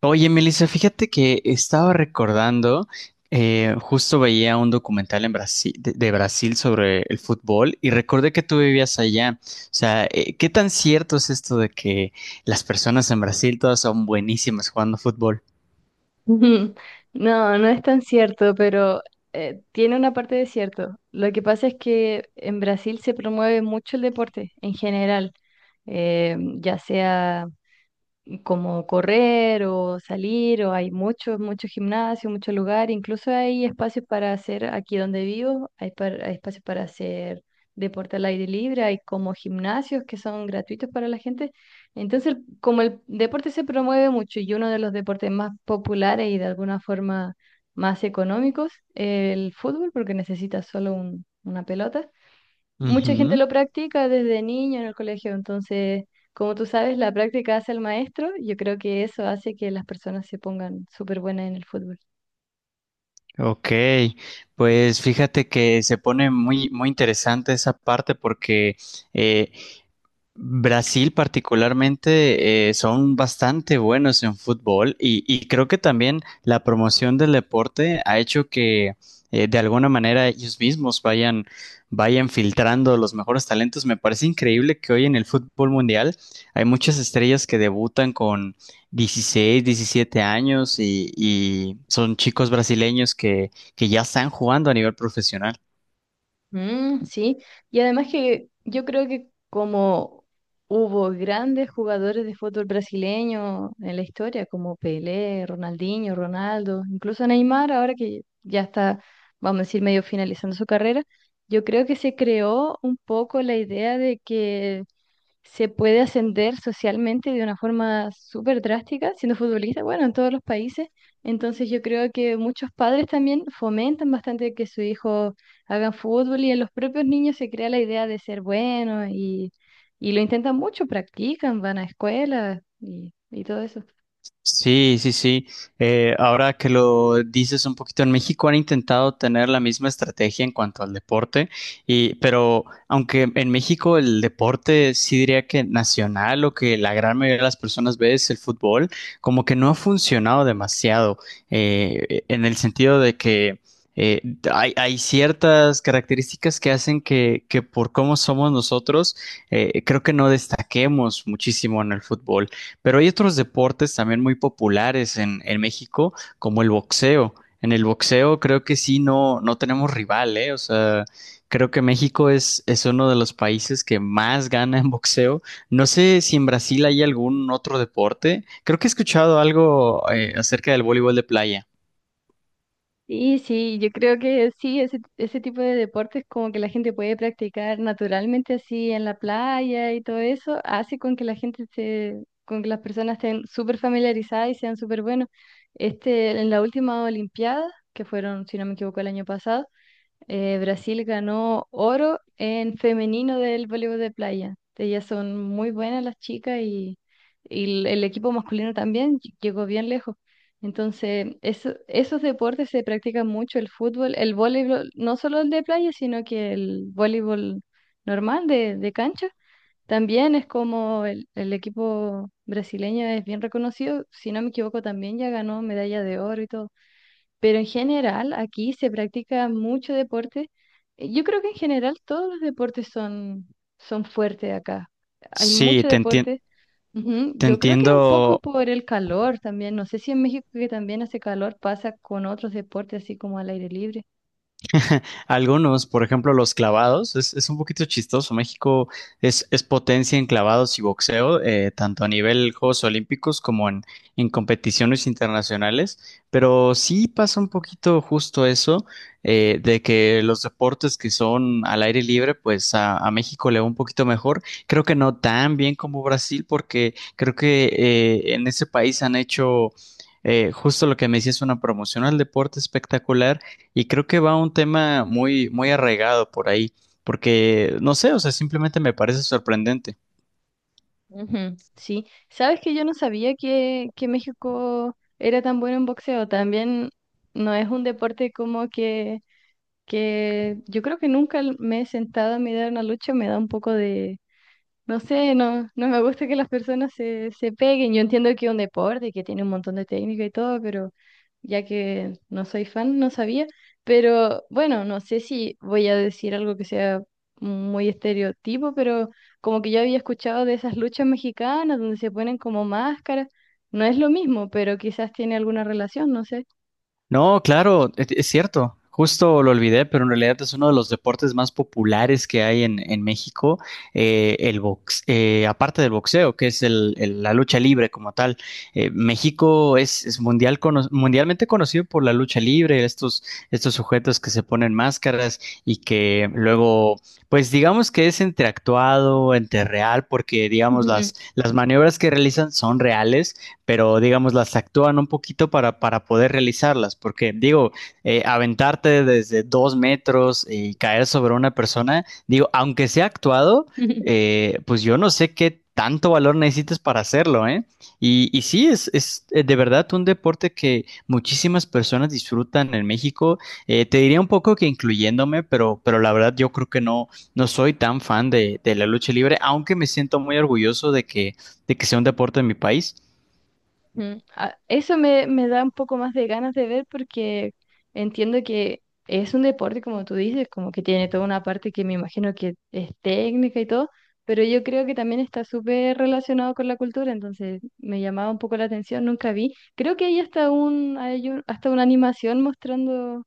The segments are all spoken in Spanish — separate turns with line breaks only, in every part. Oye, Melissa, fíjate que estaba recordando, justo veía un documental en Brasil, de Brasil sobre el fútbol y recordé que tú vivías allá. O sea, ¿qué tan cierto es esto de que las personas en Brasil todas son buenísimas jugando fútbol?
Ujú. No, no es tan cierto, pero tiene una parte de cierto. Lo que pasa es que en Brasil se promueve mucho el deporte en general, ya sea como correr o salir, o hay muchos gimnasios, muchos lugares, incluso hay espacios para hacer, aquí donde vivo, hay, hay espacios para hacer deporte al aire libre, hay como gimnasios que son gratuitos para la gente. Entonces, como el deporte se promueve mucho y uno de los deportes más populares y de alguna forma más económicos, el fútbol, porque necesitas solo una pelota, mucha gente
Ujú.
lo practica desde niño en el colegio. Entonces, como tú sabes, la práctica hace al maestro, yo creo que eso hace que las personas se pongan súper buenas en el fútbol.
Ok, pues fíjate que se pone muy, muy interesante esa parte porque eh, Brasil particularmente son bastante buenos en fútbol y creo que también la promoción del deporte ha hecho que de alguna manera ellos mismos vayan filtrando los mejores talentos. Me parece increíble que hoy en el fútbol mundial hay muchas estrellas que debutan con 16, 17 años y son chicos brasileños que ya están jugando a nivel profesional.
Mm, sí, y además que yo creo que como hubo grandes jugadores de fútbol brasileño en la historia, como Pelé, Ronaldinho, Ronaldo, incluso Neymar, ahora que ya está, vamos a decir, medio finalizando su carrera, yo creo que se creó un poco la idea de que se puede ascender socialmente de una forma súper drástica siendo futbolista, bueno, en todos los países. Entonces yo creo que muchos padres también fomentan bastante que su hijo hagan fútbol y en los propios niños se crea la idea de ser bueno y lo intentan mucho, practican, van a escuelas y todo eso.
Sí, sí, sí. Ahora que lo dices un poquito, en México han intentado tener la misma estrategia en cuanto al deporte, y, pero aunque en México el deporte sí diría que nacional o que la gran mayoría de las personas ve es el fútbol, como que no ha funcionado demasiado en el sentido de que eh, hay ciertas características que hacen que por cómo somos nosotros, creo que no destaquemos muchísimo en el fútbol. Pero hay otros deportes también muy populares en México, como el boxeo. En el boxeo creo que sí, no, no tenemos rival, ¿eh? O sea, creo que México es uno de los países que más gana en boxeo. No sé si en Brasil hay algún otro deporte. Creo que he escuchado algo acerca del voleibol de playa.
Sí, sí, yo creo que sí, ese tipo de deportes, como que la gente puede practicar naturalmente así en la playa y todo eso, hace con que la gente se, con que las personas estén súper familiarizadas y sean súper buenos. Este, en la última Olimpiada, que fueron, si no me equivoco, el año pasado, Brasil ganó oro en femenino del voleibol de playa. Ellas son muy buenas las chicas, y el equipo masculino también llegó bien lejos. Entonces, esos deportes se practican mucho, el fútbol, el voleibol, no solo el de playa, sino que el voleibol normal de cancha. También es como el equipo brasileño es bien reconocido, si no me equivoco, también ya ganó medalla de oro y todo. Pero en general, aquí se practica mucho deporte. Yo creo que en general todos los deportes son, son fuertes acá. Hay
Sí,
mucho deporte. Ujú.
te
Yo creo que un poco
entiendo.
por el calor también. No sé si en México, que también hace calor, pasa con otros deportes así como al aire libre.
Algunos, por ejemplo, los clavados, es un poquito chistoso. México es potencia en clavados y boxeo, tanto a nivel Juegos Olímpicos como en competiciones internacionales, pero sí pasa un poquito justo eso, de que los deportes que son al aire libre, pues a México le va un poquito mejor. Creo que no tan bien como Brasil, porque creo que en ese país han hecho justo lo que me decías, una promoción al deporte espectacular y creo que va un tema muy, muy arraigado por ahí, porque no sé, o sea, simplemente me parece sorprendente.
Ujú, sí, sabes que yo no sabía que México era tan bueno en boxeo. También no es un deporte como que yo creo que nunca me he sentado a mirar una lucha, me da un poco de, no sé, no, no me gusta que las personas se, se peguen. Yo entiendo que es un deporte y que tiene un montón de técnica y todo, pero ya que no soy fan, no sabía. Pero bueno, no sé si voy a decir algo que sea muy estereotipo, pero como que yo había escuchado de esas luchas mexicanas donde se ponen como máscaras. No es lo mismo, pero quizás tiene alguna relación, no sé.
No, claro, es cierto. Justo lo olvidé, pero en realidad es uno de los deportes más populares que hay en México, el box, aparte del boxeo, que es la lucha libre como tal. México es mundial mundialmente conocido por la lucha libre, estos, estos sujetos que se ponen máscaras y que luego, pues digamos que es entre actuado, entre real, porque digamos
Ujú.
las maniobras que realizan son reales, pero digamos las actúan un poquito para poder realizarlas, porque digo, aventarte desde 2 metros y caer sobre una persona, digo, aunque sea actuado, pues yo no sé qué tanto valor necesitas para hacerlo, ¿eh? Y sí, es de verdad un deporte que muchísimas personas disfrutan en México. Te diría un poco que incluyéndome, pero la verdad yo creo que no, no soy tan fan de la lucha libre, aunque me siento muy orgulloso de que sea un deporte en mi país.
Mm, ah, eso me, me da un poco más de ganas de ver, porque entiendo que es un deporte, como tú dices, como que tiene toda una parte que me imagino que es técnica y todo, pero yo creo que también está súper relacionado con la cultura. Entonces me llamaba un poco la atención, nunca vi. Creo que hay hasta un, hay hasta una animación mostrando,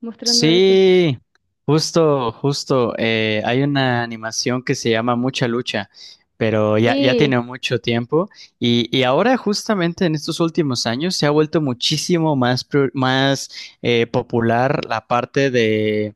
mostrando eso.
Sí, justo, justo. Hay una animación que se llama Mucha Lucha, pero ya, ya tiene
Sí.
mucho tiempo y ahora justamente en estos últimos años se ha vuelto muchísimo más, más popular la parte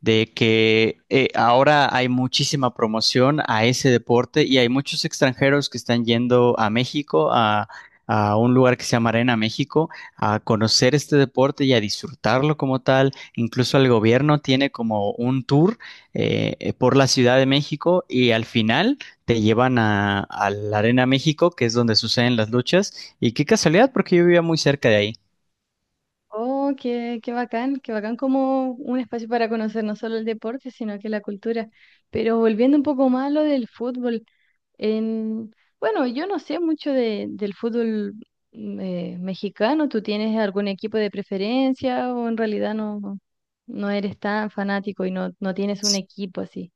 de que ahora hay muchísima promoción a ese deporte y hay muchos extranjeros que están yendo a México, a un lugar que se llama Arena México, a conocer este deporte y a disfrutarlo como tal. Incluso el gobierno tiene como un tour por la Ciudad de México y al final te llevan a la Arena México, que es donde suceden las luchas. Y qué casualidad, porque yo vivía muy cerca de ahí.
Oh, qué, qué bacán, qué bacán, como un espacio para conocer no solo el deporte, sino que la cultura. Pero volviendo un poco más a lo del fútbol. En, bueno, yo no sé mucho de, del fútbol mexicano. ¿Tú tienes algún equipo de preferencia o en realidad no, no eres tan fanático y no, no tienes un equipo así?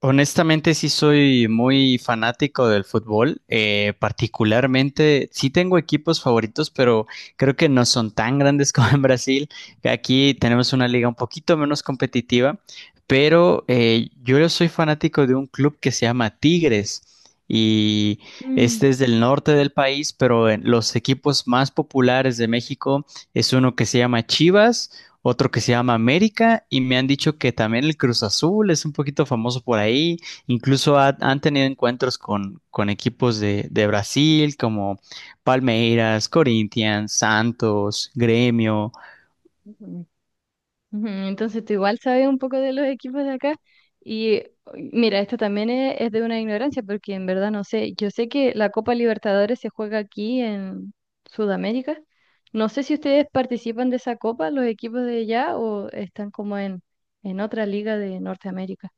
Honestamente, sí soy muy fanático del fútbol. Particularmente, sí tengo equipos favoritos, pero creo que no son tan grandes como en Brasil. Aquí tenemos una liga un poquito menos competitiva, pero yo soy fanático de un club que se llama Tigres. Y
Mm.
este es del norte del país, pero en los equipos más populares de México es uno que se llama Chivas, otro que se llama América, y me han dicho que también el Cruz Azul es un poquito famoso por ahí, incluso han tenido encuentros con equipos de Brasil como Palmeiras, Corinthians, Santos, Gremio.
Ujú, entonces tú igual sabes un poco de los equipos de acá. Y uy, mira, esto también es de una ignorancia, porque en verdad no sé, yo sé que la Copa Libertadores se juega aquí en Sudamérica, no sé si ustedes participan de esa copa, los equipos de allá, o están como en otra liga de Norteamérica.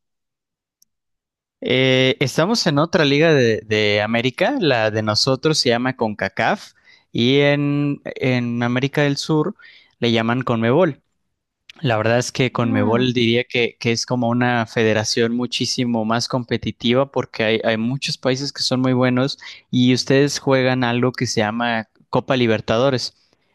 Estamos en otra liga de América, la de nosotros se llama CONCACAF y en América del Sur le llaman CONMEBOL. La verdad es que
Ah,
Conmebol diría que es como una federación muchísimo más competitiva porque hay muchos países que son muy buenos y ustedes juegan algo que se llama Copa Libertadores.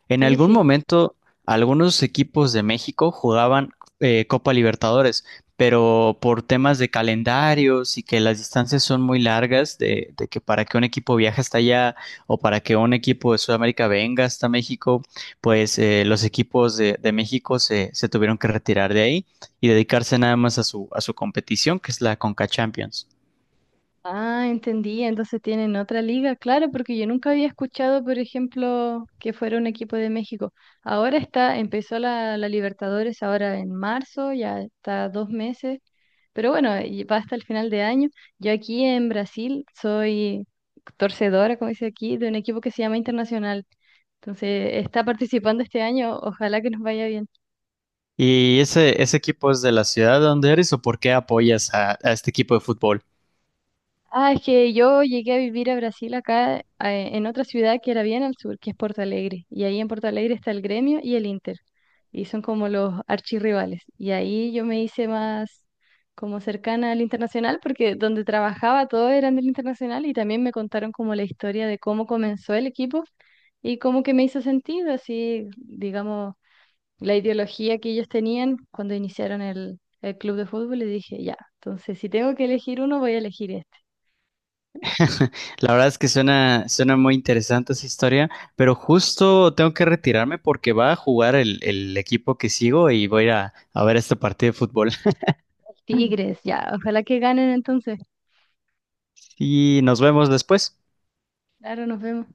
En
sí,
algún
sí.
momento, algunos equipos de México jugaban Copa Libertadores, pero por temas de calendarios y que las distancias son muy largas, de que para que un equipo viaje hasta allá o para que un equipo de Sudamérica venga hasta México, pues los equipos de México se, se tuvieron que retirar de ahí y dedicarse nada más a su competición, que es la Conca Champions.
Ah, entendí. Entonces tienen otra liga, claro, porque yo nunca había escuchado, por ejemplo, que fuera un equipo de México. Ahora está, empezó la, la Libertadores ahora en marzo, ya está 2 meses, pero bueno, y va hasta el final de año. Yo aquí en Brasil soy torcedora, como dice aquí, de un equipo que se llama Internacional. Entonces está participando este año, ojalá que nos vaya bien.
¿Y ese equipo es de la ciudad donde eres o por qué apoyas a este equipo de fútbol?
Ah, es que yo llegué a vivir a Brasil acá, en otra ciudad que era bien al sur, que es Porto Alegre. Y ahí en Porto Alegre está el Gremio y el Inter. Y son como los archirrivales. Y ahí yo me hice más como cercana al Internacional, porque donde trabajaba todos eran del Internacional, y también me contaron como la historia de cómo comenzó el equipo y cómo que me hizo sentido, así, digamos, la ideología que ellos tenían cuando iniciaron el club de fútbol. Y dije, ya, entonces si tengo que elegir uno, voy a elegir este.
La verdad es que suena, suena muy interesante esa historia, pero justo tengo que retirarme porque va a jugar el equipo que sigo y voy a, ir a ver este partido de fútbol.
Tigres, ya, ojalá que ganen entonces.
Y nos vemos después.
Claro, nos vemos.